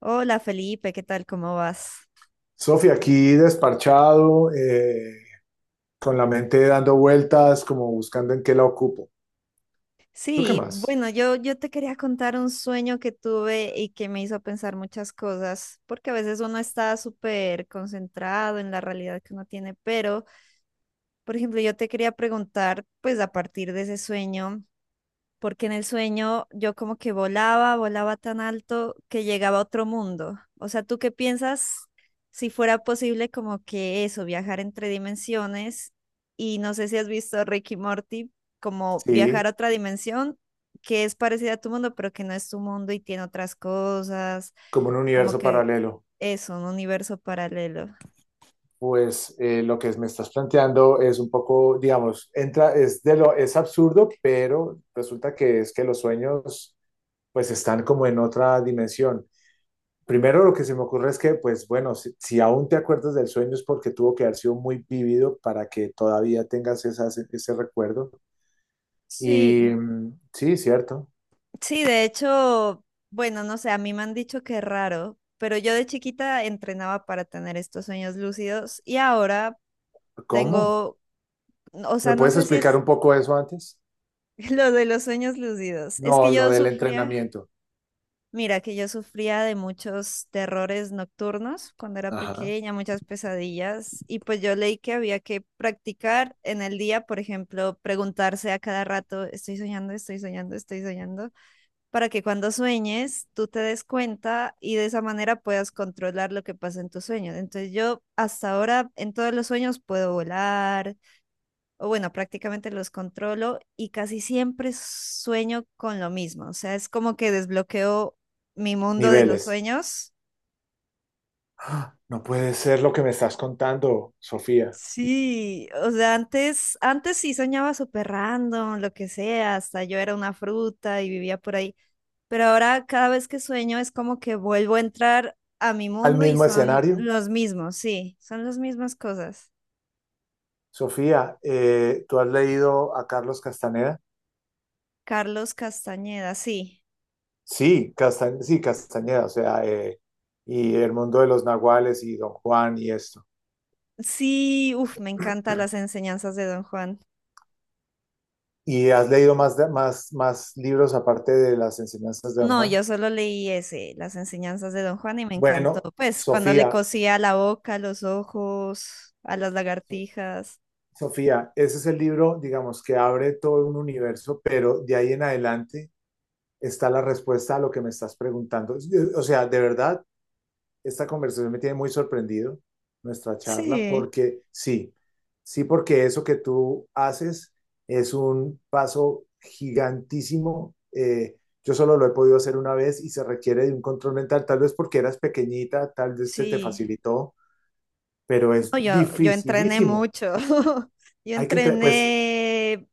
Hola Felipe, ¿qué tal? ¿Cómo vas? Sofía, aquí desparchado, con la mente dando vueltas, como buscando en qué la ocupo. ¿Tú qué Sí, más? bueno, yo te quería contar un sueño que tuve y que me hizo pensar muchas cosas, porque a veces uno está súper concentrado en la realidad que uno tiene, pero, por ejemplo, yo te quería preguntar, pues a partir de ese sueño. Porque en el sueño yo como que volaba, volaba tan alto que llegaba a otro mundo. O sea, ¿tú qué piensas si fuera posible como que eso, viajar entre dimensiones? Y no sé si has visto Rick y Morty, como viajar Sí, a otra dimensión que es parecida a tu mundo, pero que no es tu mundo y tiene otras cosas, como un como universo que paralelo. eso, un universo paralelo. Pues lo que me estás planteando es un poco, digamos, entra, es, de lo, es absurdo, pero resulta que es que los sueños pues están como en otra dimensión. Primero lo que se me ocurre es que, pues bueno, si aún te acuerdas del sueño es porque tuvo que haber sido muy vívido para que todavía tengas ese recuerdo. Y Sí, sí, cierto. sí, de hecho, bueno, no sé, a mí me han dicho que es raro, pero yo de chiquita entrenaba para tener estos sueños lúcidos y ahora ¿Cómo? tengo, o ¿Me sea, no puedes sé si explicar es un poco eso antes? lo de los sueños lúcidos. Es No, que lo yo del sufría, entrenamiento. mira, que yo sufría de muchos terrores nocturnos cuando era Ajá. pequeña, muchas pesadillas y pues yo leí que había que practicar en el día, por ejemplo, preguntarse a cada rato, estoy soñando, estoy soñando, estoy soñando, para que cuando sueñes tú te des cuenta y de esa manera puedas controlar lo que pasa en tus sueños. Entonces yo hasta ahora en todos los sueños puedo volar, o bueno, prácticamente los controlo y casi siempre sueño con lo mismo. O sea, es como que desbloqueo mi mundo de los Niveles. sueños. ¡Ah! No puede ser lo que me estás contando, Sofía. Sí, o sea, antes sí soñaba súper random, lo que sea, hasta yo era una fruta y vivía por ahí. Pero ahora cada vez que sueño es como que vuelvo a entrar a mi ¿Al mundo y mismo son escenario? los mismos, sí, son las mismas cosas. Sofía, ¿tú has leído a Carlos Castaneda? Carlos Castañeda, sí. Sí, Castañeda, o sea, y El mundo de los nahuales y Don Juan y esto. Sí, uff, me encantan las enseñanzas de Don Juan. ¿Y has leído más, más libros aparte de las enseñanzas de Don No, Juan? yo solo leí ese, las enseñanzas de Don Juan y me encantó. Bueno, Pues cuando le Sofía, cosía la boca, los ojos, a las lagartijas. Sofía, ese es el libro, digamos, que abre todo un universo, pero de ahí en adelante está la respuesta a lo que me estás preguntando. O sea, de verdad, esta conversación me tiene muy sorprendido, nuestra charla, Sí, porque sí, sí, porque eso que tú haces es un paso gigantísimo. Yo solo lo he podido hacer una vez y se requiere de un control mental, tal vez porque eras pequeñita, tal vez se te sí. facilitó, pero es No, yo entrené dificilísimo. mucho. Yo Hay que entre- pues entrené,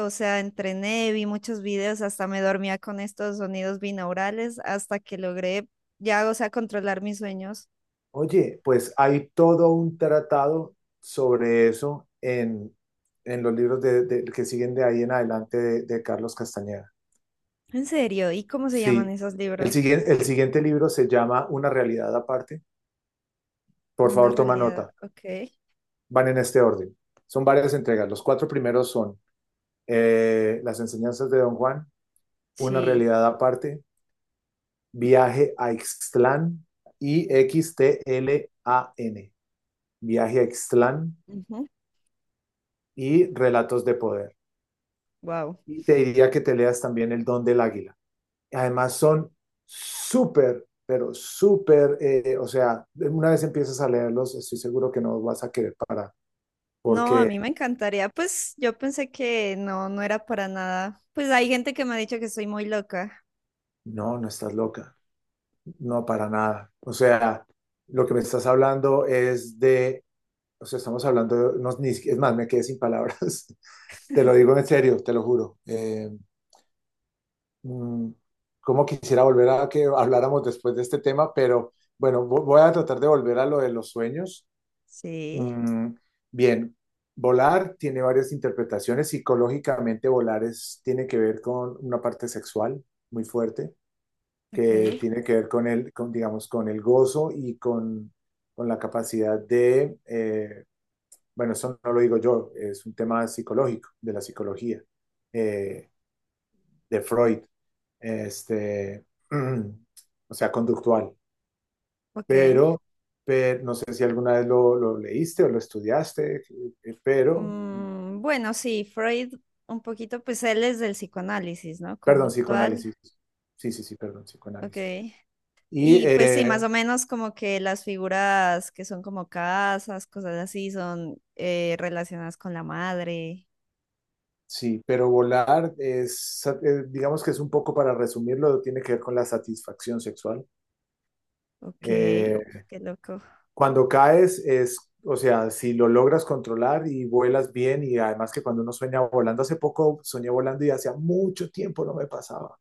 o sea, entrené, vi muchos videos, hasta me dormía con estos sonidos binaurales hasta que logré ya, o sea, controlar mis sueños. Oye, pues hay todo un tratado sobre eso en los libros que siguen de ahí en adelante de Carlos Castañeda. En serio, ¿y cómo se llaman Sí. esos libros? El siguiente libro se llama Una realidad aparte. Por Una favor, toma nota. realidad, ok. Van en este orden. Son varias entregas. Los cuatro primeros son Las enseñanzas de Don Juan, Una Sí. realidad aparte, Viaje a Ixtlán y XTLAN. Viaje a Ixtlán y Relatos de Poder. Wow. Y te diría que te leas también El Don del Águila. Además son súper, pero súper, o sea, una vez empiezas a leerlos, estoy seguro que no vas a querer parar, No, a porque mí me encantaría. Pues yo pensé que no, no era para nada. Pues hay gente que me ha dicho que soy muy loca. no, no estás loca, no para nada. O sea, lo que me estás hablando es de, o sea, estamos hablando, de, no, ni, si, es más, me quedé sin palabras, te lo digo en serio, te lo juro. Mmm, como quisiera volver a que habláramos después de este tema, pero bueno, voy a tratar de volver a lo de los sueños. Sí. Mm, bien, volar tiene varias interpretaciones. Psicológicamente, tiene que ver con una parte sexual muy fuerte, que Ok, tiene que ver con digamos, con el gozo y con la capacidad de, bueno, eso no lo digo yo, es un tema psicológico, de la psicología, eh, de Freud, este, o sea, conductual. ok. Pero, pero no sé si alguna vez lo leíste o lo estudiaste, pero Mm, bueno, sí, Freud un poquito, pues él es del psicoanálisis, ¿no? Perdón, Conductual, psicoanálisis. Sí, sí, sí, perdón, ok. psicoanálisis. Y Y pues sí, más o menos como que las figuras que son como casas, cosas así, son relacionadas con la madre. sí, pero volar es, digamos que es un poco para resumirlo, tiene que ver con la satisfacción sexual. Ok, uf, Eh, qué loco. cuando caes es, o sea, si lo logras controlar y vuelas bien y además que cuando uno sueña volando, hace poco soñé volando y hacía mucho tiempo no me pasaba.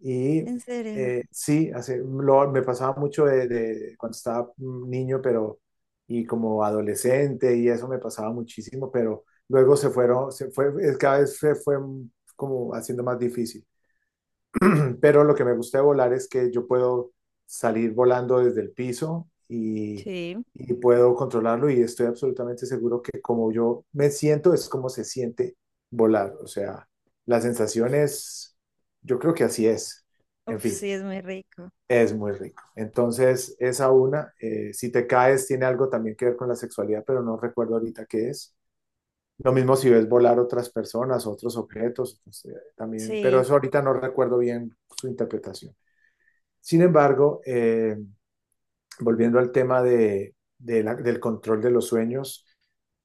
Y ¿En serio? Sí, hace, me pasaba mucho de cuando estaba niño, pero y como adolescente y eso me pasaba muchísimo, pero luego se fue, es, cada vez se fue como haciendo más difícil. Pero lo que me gusta de volar es que yo puedo salir volando desde el piso Sí, y puedo controlarlo y estoy absolutamente seguro que como yo me siento es como se siente volar. O sea, la sensación es, yo creo que así es. En uf, fin. sí, es muy rico. Es muy rico. Entonces, esa una, si te caes, tiene algo también que ver con la sexualidad, pero no recuerdo ahorita qué es. Lo mismo si ves volar otras personas, otros objetos, pues, también, pero Sí, eso ahorita no recuerdo bien su interpretación. Sin embargo, volviendo al tema del control de los sueños,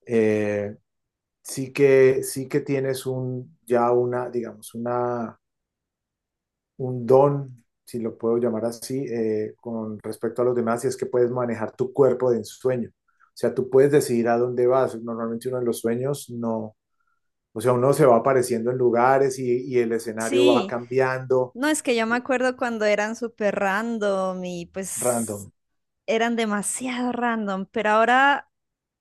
eh, sí que tienes un, ya una, digamos, una un don, si lo puedo llamar así, con respecto a los demás, y es que puedes manejar tu cuerpo de ensueño. O sea, tú puedes decidir a dónde vas. Normalmente uno en los sueños no, o sea, uno se va apareciendo en lugares y el escenario va sí. cambiando No, es que yo me acuerdo cuando eran súper random y pues random. eran demasiado random, pero ahora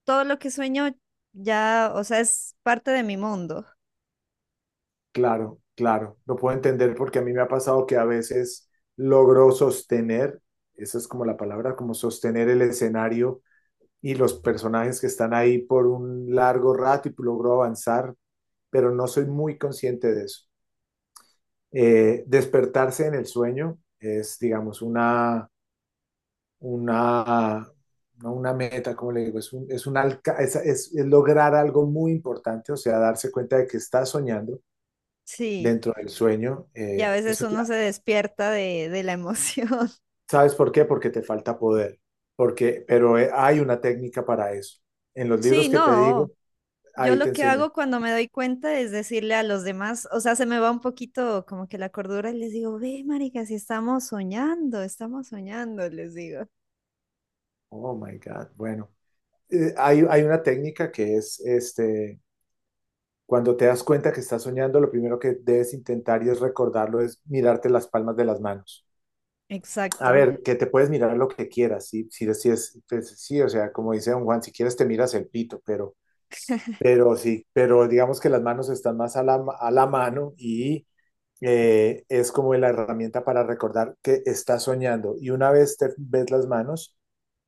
todo lo que sueño ya, o sea, es parte de mi mundo. Claro, claro. Lo puedo entender porque a mí me ha pasado que a veces logro sostener, esa es como la palabra, como sostener el escenario y los personajes que están ahí por un largo rato y logro avanzar pero no soy muy consciente de eso. Despertarse en el sueño es, digamos, una, no una meta, como le digo, es, un alca es, lograr algo muy importante, o sea, darse cuenta de que estás soñando Sí, dentro del sueño. y a veces uno se despierta de, la emoción. ¿Sabes por qué? Porque te falta poder, porque, pero hay una técnica para eso. En los Sí, libros que te no, digo, yo ahí te lo que enseñan. hago cuando me doy cuenta es decirle a los demás, o sea, se me va un poquito como que la cordura y les digo, ve, marica, si estamos soñando, estamos soñando, les digo. Oh, my God, bueno. Hay una técnica que es, este, cuando te das cuenta que estás soñando, lo primero que debes intentar y es recordarlo, es mirarte las palmas de las manos. A Exacto. ver, que te puedes mirar lo que quieras, sí, sí, sí, es, pues, sí, o sea, como dice don Juan, si quieres te miras el pito, pero sí, pero digamos que las manos están más a la mano y es como la herramienta para recordar que estás soñando. Y una vez te ves las manos,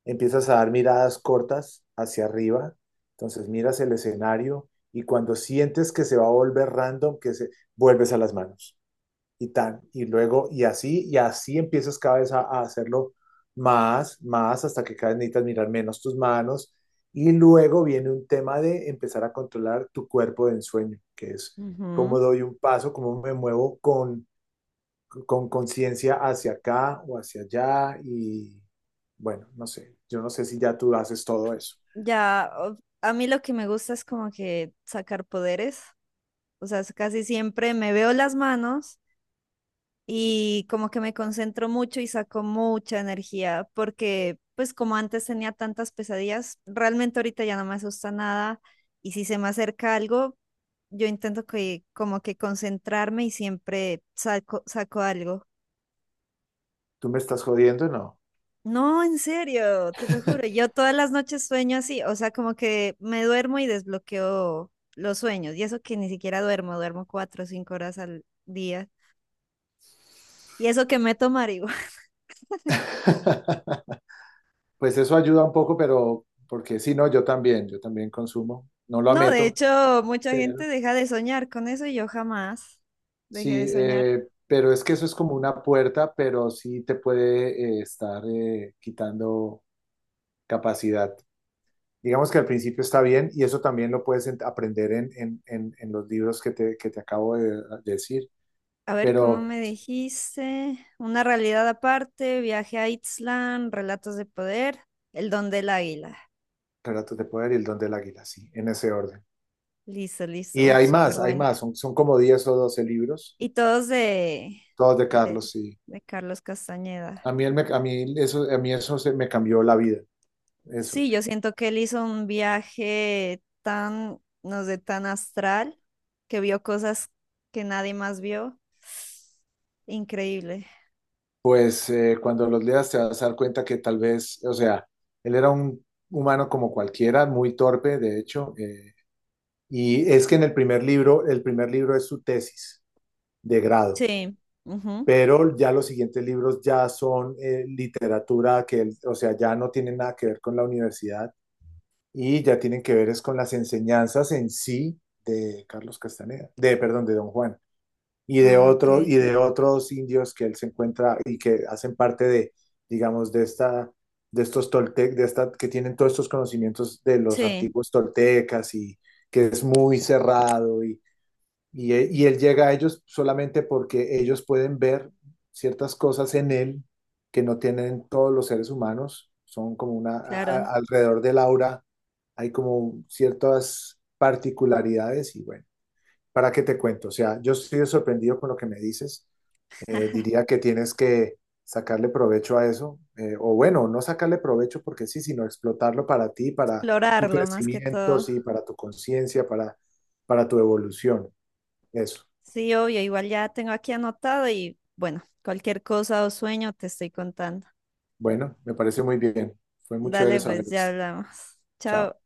empiezas a dar miradas cortas hacia arriba. Entonces miras el escenario y cuando sientes que se va a volver random, que se vuelves a las manos y tan, y luego, y así empiezas cada vez a hacerlo más, más, hasta que cada vez necesitas mirar menos tus manos. Y luego viene un tema de empezar a controlar tu cuerpo de ensueño, que es Ujú. cómo doy un paso, cómo me muevo con conciencia hacia acá o hacia allá. Y bueno, no sé, yo no sé si ya tú haces todo eso. Ya, a mí lo que me gusta es como que sacar poderes, o sea, es casi siempre me veo las manos y como que me concentro mucho y saco mucha energía, porque pues como antes tenía tantas pesadillas, realmente ahorita ya no me asusta nada y si se me acerca algo, yo intento que como que concentrarme y siempre saco, saco algo. ¿Tú me estás jodiendo? No. No, en serio, te lo juro. Yo todas las noches sueño así, o sea, como que me duermo y desbloqueo los sueños. Y eso que ni siquiera duermo, duermo 4 o 5 horas al día. Y eso que meto marihuana. Pues eso ayuda un poco, pero porque si no, yo también consumo. No lo No, de ameto, hecho, mucha pero, gente deja de soñar con eso y yo jamás dejé sí, de soñar. Pero es que eso es como una puerta, pero sí te puede estar quitando capacidad. Digamos que al principio está bien y eso también lo puedes aprender en los libros que te acabo de decir, A ver, ¿cómo pero me dijiste? Una realidad aparte, viaje a Itzlan, relatos de poder, el don del águila. Relatos de Poder y El Don del Águila, sí, en ese orden. Listo, Y listo. Uf, súper hay bueno. más, son, son como 10 o 12 libros, Y todos de, todos de de, Carlos, sí. de Carlos Castañeda. A mí, a mí eso, me cambió la vida, eso. Sí, yo siento que él hizo un viaje tan, no sé, tan astral, que vio cosas que nadie más vio. Increíble. Pues cuando los leas te vas a dar cuenta que tal vez, o sea, él era un humano como cualquiera, muy torpe, de hecho, y es que en el primer libro es su tesis de grado, Sí. Ujú. pero ya los siguientes libros ya son literatura o sea, ya no tienen nada que ver con la universidad y ya tienen que ver es con las enseñanzas en sí de Carlos Castaneda, de, perdón, de Don Juan Ah, ok. y de otros indios que él se encuentra y que hacen parte de, digamos, de esta de estos toltec, de esta que tienen todos estos conocimientos de los Sí, antiguos toltecas y que es muy cerrado y y él llega a ellos solamente porque ellos pueden ver ciertas cosas en él que no tienen todos los seres humanos, son como una claro. Alrededor del aura hay como ciertas particularidades y bueno, ¿para qué te cuento? O sea, yo estoy sorprendido con lo que me dices. Diría que tienes que sacarle provecho a eso, o bueno, no sacarle provecho porque sí, sino explotarlo para ti, para tu Explorarlo más que crecimiento, todo. sí, para tu conciencia, para tu evolución. Eso. Sí, obvio, igual ya tengo aquí anotado y bueno, cualquier cosa o sueño te estoy contando. Bueno, me parece muy bien. Fue muy chévere Dale, saber pues ya esto. hablamos. Chao. Chao.